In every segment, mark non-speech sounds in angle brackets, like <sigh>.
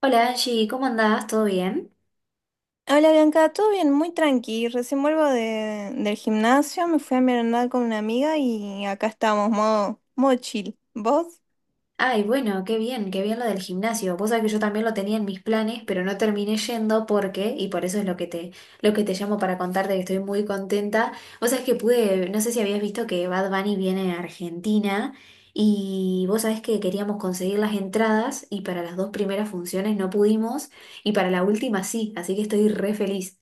Hola Angie, ¿cómo andás? ¿Todo bien? Hola Bianca, todo bien, muy tranqui. Recién vuelvo del gimnasio, me fui a merendar con una amiga y acá estamos, modo chill. ¿Vos? Ay, bueno, qué bien lo del gimnasio. Vos sabés que yo también lo tenía en mis planes, pero no terminé yendo porque, y por eso es lo que te llamo para contarte que estoy muy contenta. Vos sabés que pude, no sé si habías visto que Bad Bunny viene a Argentina y vos sabés que queríamos conseguir las entradas y para las dos primeras funciones no pudimos y para la última sí, así que estoy re feliz.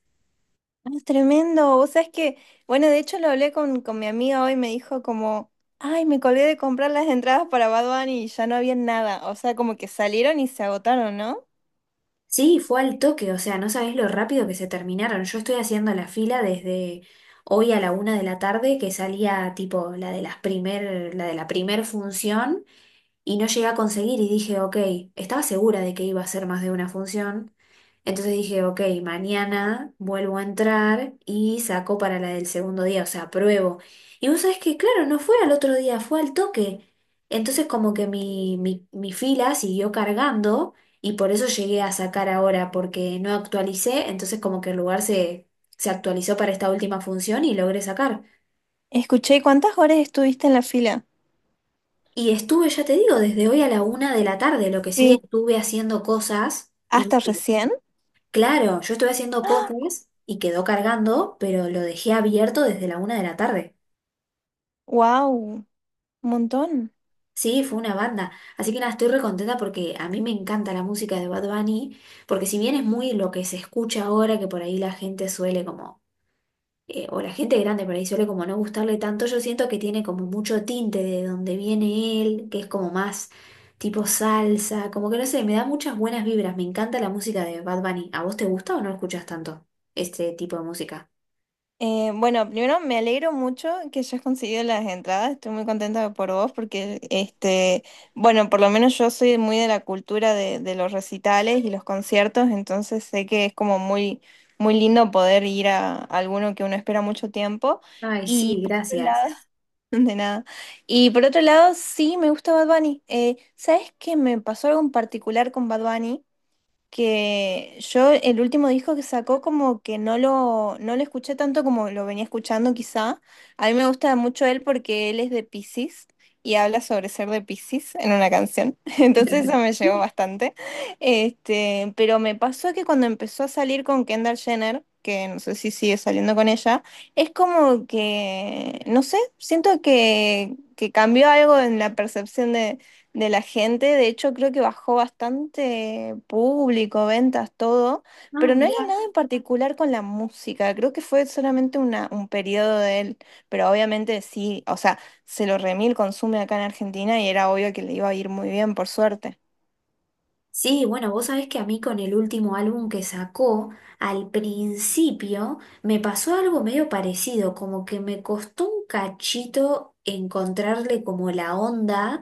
Ah, es tremendo. Vos sabés bueno, de hecho lo hablé con mi amiga hoy, me dijo como, ay, me colgué de comprar las entradas para Bad Bunny y ya no había nada. O sea, como que salieron y se agotaron, ¿no? Sí, fue al toque, o sea, no sabés lo rápido que se terminaron. Yo estoy haciendo la fila desde hoy a la una de la tarde, que salía tipo la de las primer, la de la primer función y no llegué a conseguir y dije, ok, estaba segura de que iba a ser más de una función, entonces dije, ok, mañana vuelvo a entrar y saco para la del segundo día, o sea, pruebo. Y vos sabés que, claro, no fue al otro día, fue al toque. Entonces como que mi fila siguió cargando y por eso llegué a sacar ahora, porque no actualicé, entonces como que el lugar se, se actualizó para esta última función y logré sacar. Escuché, ¿cuántas horas estuviste en la fila? Y estuve, ya te digo, desde hoy a la una de la tarde, lo que sí Sí. estuve haciendo cosas y ¿Hasta y recién? claro, yo estuve haciendo cosas y quedó cargando, pero lo dejé abierto desde la una de la tarde. ¡Wow! Un montón. Sí, fue una banda. Así que nada, estoy re contenta porque a mí me encanta la música de Bad Bunny, porque si bien es muy lo que se escucha ahora, que por ahí la gente suele como o la gente grande por ahí suele como no gustarle tanto, yo siento que tiene como mucho tinte de donde viene él, que es como más tipo salsa, como que no sé, me da muchas buenas vibras, me encanta la música de Bad Bunny. ¿A vos te gusta o no escuchas tanto este tipo de música? Bueno, primero me alegro mucho que hayas conseguido las entradas. Estoy muy contenta por vos porque, este, bueno, por lo menos yo soy muy de la cultura de los recitales y los conciertos, entonces sé que es como muy lindo poder ir a, alguno que uno espera mucho tiempo. Ay, Y sí, por otro gracias. lado, <laughs> de nada. Y por otro lado, sí me gusta Bad Bunny. ¿Sabes qué me pasó algo en particular con Bad Bunny? Que yo el último disco que sacó como que no lo escuché tanto como lo venía escuchando quizá. A mí me gusta mucho él porque él es de Piscis y habla sobre ser de Piscis en una canción. <laughs> Entonces eso me <laughs> llegó bastante. Este, pero me pasó que cuando empezó a salir con Kendall Jenner, que no sé si sigue saliendo con ella, es como que, no sé, siento que cambió algo en la percepción de la gente. De hecho, creo que bajó bastante público, ventas, todo, Ah, pero no era mirá. nada en particular con la música. Creo que fue solamente un periodo de él, pero obviamente sí, o sea, se lo remil consume acá en Argentina y era obvio que le iba a ir muy bien, por suerte. Sí, bueno, vos sabés que a mí con el último álbum que sacó, al principio me pasó algo medio parecido, como que me costó un cachito encontrarle como la onda,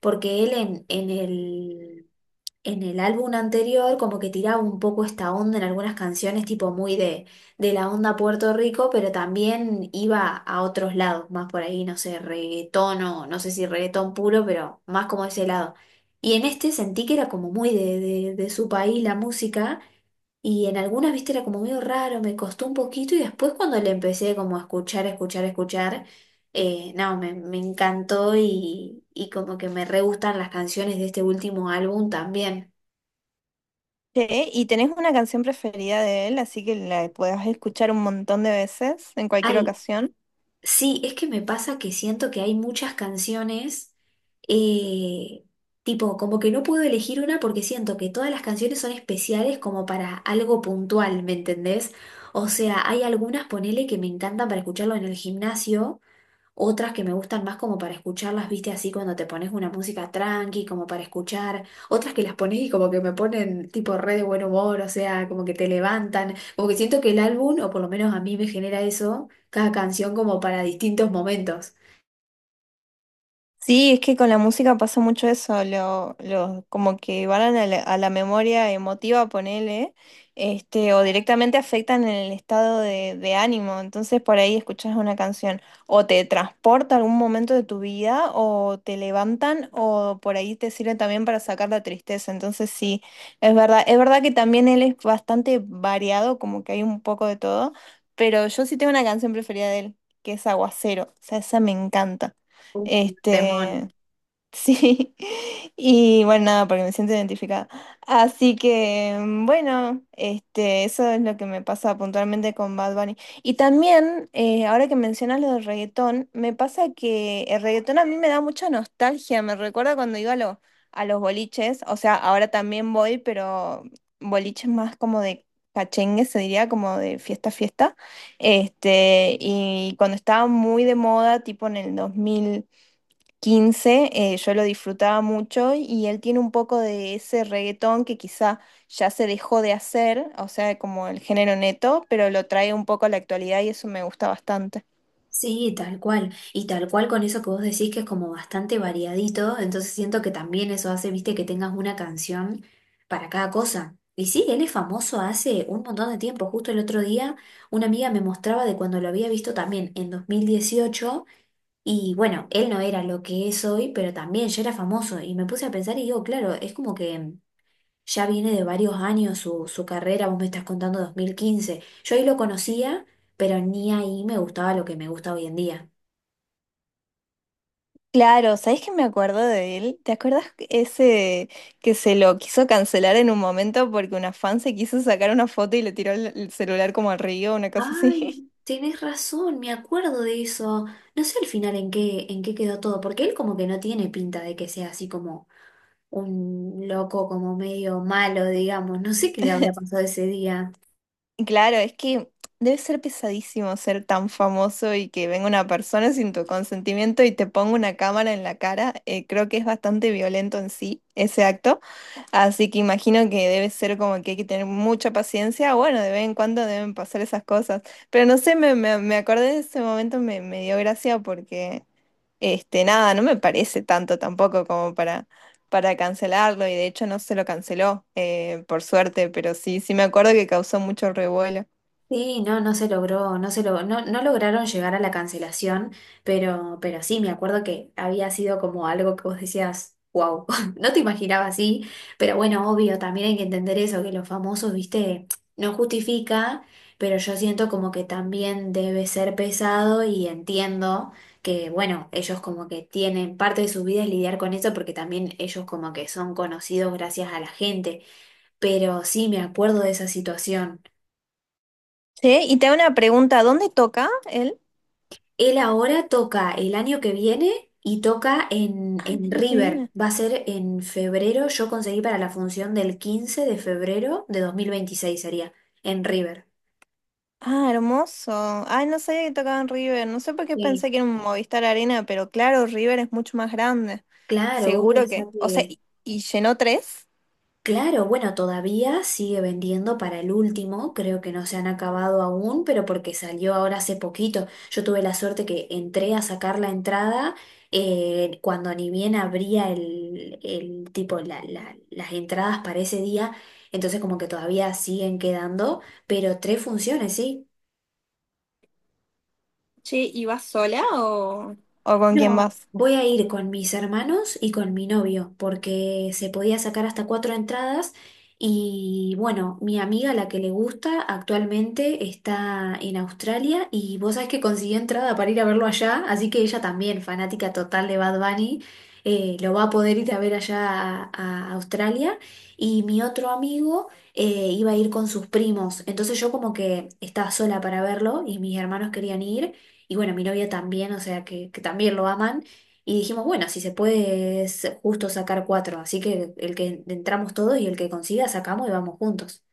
porque él en el en el álbum anterior como que tiraba un poco esta onda en algunas canciones, tipo muy de la onda Puerto Rico, pero también iba a otros lados, más por ahí, no sé, reggaetón o no sé si reggaetón puro, pero más como ese lado. Y en este sentí que era como muy de su país la música. Y en algunas, viste, era como medio raro, me costó un poquito y después cuando le empecé como a escuchar, escuchar, escuchar, no, me encantó y como que me re gustan las canciones de este último álbum también. Che, ¿y tenés una canción preferida de él, así que la podés escuchar un montón de veces, en cualquier Ay, ocasión? sí, es que me pasa que siento que hay muchas canciones, eh, tipo, como que no puedo elegir una porque siento que todas las canciones son especiales como para algo puntual, ¿me entendés? O sea, hay algunas, ponele, que me encantan para escucharlo en el gimnasio. Otras que me gustan más como para escucharlas, viste, así cuando te pones una música tranqui, como para escuchar. Otras que las pones y como que me ponen tipo re de buen humor, o sea, como que te levantan. Como que siento que el álbum, o por lo menos a mí me genera eso, cada canción como para distintos momentos. Sí, es que con la música pasa mucho eso, como que van a a la memoria emotiva, ponele, este, o directamente afectan en el estado de ánimo. Entonces por ahí escuchas una canción, o te transporta a algún momento de tu vida, o te levantan, o por ahí te sirve también para sacar la tristeza. Entonces sí, es verdad que también él es bastante variado, como que hay un poco de todo, pero yo sí tengo una canción preferida de él, que es Aguacero. O sea, esa me encanta. Un temón. Este, sí, <laughs> y bueno, nada, porque me siento identificada. Así que, mm, bueno, este, eso es lo que me pasa puntualmente con Bad Bunny. Y también, ahora que mencionas lo del reggaetón, me pasa que el reggaetón a mí me da mucha nostalgia, me recuerda cuando iba a los boliches, o sea, ahora también voy, pero boliches más como de cachengue, se diría, como de fiesta. Este, y cuando estaba muy de moda, tipo en el 2015 yo lo disfrutaba mucho y él tiene un poco de ese reggaetón que quizá ya se dejó de hacer, o sea, como el género neto, pero lo trae un poco a la actualidad y eso me gusta bastante. Sí, tal cual. Y tal cual con eso que vos decís que es como bastante variadito, entonces siento que también eso hace, viste, que tengas una canción para cada cosa. Y sí, él es famoso hace un montón de tiempo. Justo el otro día una amiga me mostraba de cuando lo había visto también en 2018 y bueno, él no era lo que es hoy, pero también ya era famoso. Y me puse a pensar y digo, claro, es como que ya viene de varios años su, su carrera, vos me estás contando 2015, yo ahí lo conocía, pero ni ahí me gustaba lo que me gusta hoy en día. Claro, ¿sabés que me acuerdo de él? ¿Te acuerdas ese que se lo quiso cancelar en un momento porque una fan se quiso sacar una foto y le tiró el celular como al río, una cosa Ay, así? tenés razón, me acuerdo de eso. No sé al final en qué quedó todo, porque él como que no tiene pinta de que sea así como un loco, como medio malo, digamos. No sé qué le <laughs> habrá pasado ese día. Claro, es que debe ser pesadísimo ser tan famoso y que venga una persona sin tu consentimiento y te ponga una cámara en la cara. Creo que es bastante violento en sí ese acto. Así que imagino que debe ser como que hay que tener mucha paciencia. Bueno, de vez en cuando deben pasar esas cosas. Pero no sé, me acordé de ese momento, me dio gracia porque este, nada, no me parece tanto tampoco como para cancelarlo y de hecho no se lo canceló, por suerte, pero sí, sí me acuerdo que causó mucho revuelo. Sí, no, no se logró, no se logró, no, no lograron llegar a la cancelación, pero sí, me acuerdo que había sido como algo que vos decías, wow, <laughs> no te imaginabas, así, pero bueno, obvio, también hay que entender eso, que los famosos, viste, no justifica, pero yo siento como que también debe ser pesado y entiendo que, bueno, ellos como que tienen parte de su vida es lidiar con eso, porque también ellos como que son conocidos gracias a la gente, pero sí, me acuerdo de esa situación. Sí, y te hago una pregunta, ¿dónde toca él? Él ahora toca el año que viene y toca en, Ah, el en año que River. viene. Va a ser en febrero. Yo conseguí para la función del 15 de febrero de 2026 sería, en River. Ah, hermoso. Ay, no sabía que tocaba en River, no sé por qué Sí. pensé que era un Movistar Arena, pero claro, River es mucho más grande. Claro, vos Seguro pensás que. O sea, que y llenó tres? claro, bueno, todavía sigue vendiendo para el último, creo que no se han acabado aún, pero porque salió ahora hace poquito. Yo tuve la suerte que entré a sacar la entrada cuando ni bien abría el tipo la- la- las entradas para ese día, entonces como que todavía siguen quedando, pero tres funciones, ¿sí? Che, ¿y vas sola o...? ¿O con quién No, vas? voy a ir con mis hermanos y con mi novio, porque se podía sacar hasta cuatro entradas y bueno, mi amiga, la que le gusta, actualmente está en Australia y vos sabés que consiguió entrada para ir a verlo allá, así que ella también, fanática total de Bad Bunny, lo va a poder ir a ver allá a Australia. Y mi otro amigo iba a ir con sus primos, entonces yo como que estaba sola para verlo y mis hermanos querían ir. Y bueno, mi novia también, o sea que también lo aman. Y dijimos, bueno, si se puede es justo sacar cuatro. Así que el que entramos todos y el que consiga sacamos y vamos juntos.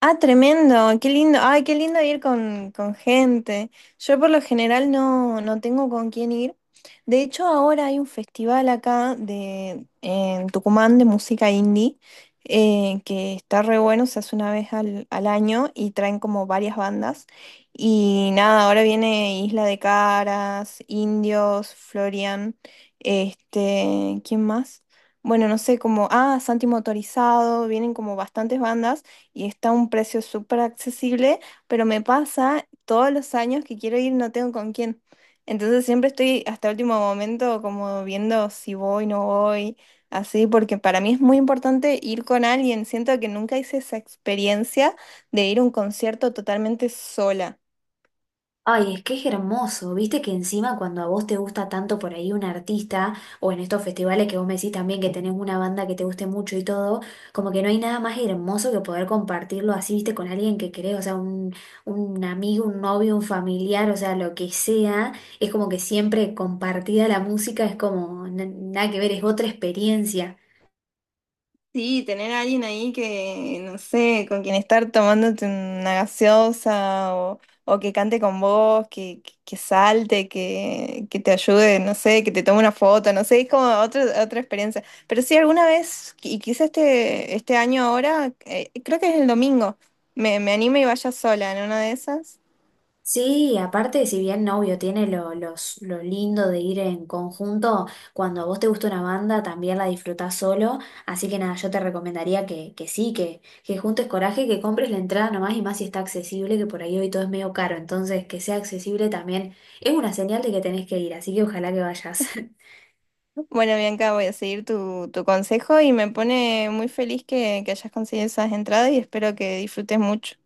Ah, tremendo, qué lindo. Ay, qué lindo ir con gente. Yo por lo general no tengo con quién ir, de hecho, ahora hay un festival acá en Tucumán de música indie que está re bueno, se hace una vez al año y traen como varias bandas. Y nada, ahora viene Isla de Caras, Indios, Florian, este, ¿quién más? Bueno, no sé, como, ah, Santi Motorizado, vienen como bastantes bandas y está a un precio súper accesible, pero me pasa todos los años que quiero ir, no tengo con quién. Entonces siempre estoy hasta último momento como viendo si voy, no voy, así, porque para mí es muy importante ir con alguien. Siento que nunca hice esa experiencia de ir a un concierto totalmente sola. Ay, es que es hermoso, viste que encima cuando a vos te gusta tanto por ahí un artista, o en estos festivales que vos me decís también que tenés una banda que te guste mucho y todo, como que no hay nada más hermoso que poder compartirlo así, viste, con alguien que querés, o sea, un amigo, un novio, un familiar, o sea, lo que sea, es como que siempre compartida la música es como na- nada que ver, es otra experiencia. Sí, tener a alguien ahí que, no sé, con quien estar tomándote una gaseosa o que cante con vos, que salte, que te ayude, no sé, que te tome una foto, no sé, es como otra experiencia. Pero sí, alguna vez, y quizá este año ahora, creo que es el domingo, me anime y vaya sola en una de esas. Sí, aparte, si bien novio tiene lo, los, lo lindo de ir en conjunto, cuando a vos te gusta una banda también la disfrutás solo, así que nada, yo te recomendaría que sí, que juntes coraje, que compres la entrada nomás y más si está accesible, que por ahí hoy todo es medio caro, entonces que sea accesible también es una señal de que tenés que ir, así que ojalá que vayas. <laughs> Bueno, Bianca, voy a seguir tu consejo y me pone muy feliz que hayas conseguido esas entradas y espero que disfrutes mucho.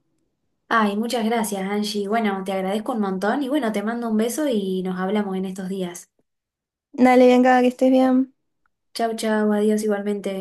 Ay, muchas gracias, Angie. Bueno, te agradezco un montón y bueno, te mando un beso y nos hablamos en estos días. Dale, Bianca, que estés bien. Chau, chau, adiós igualmente.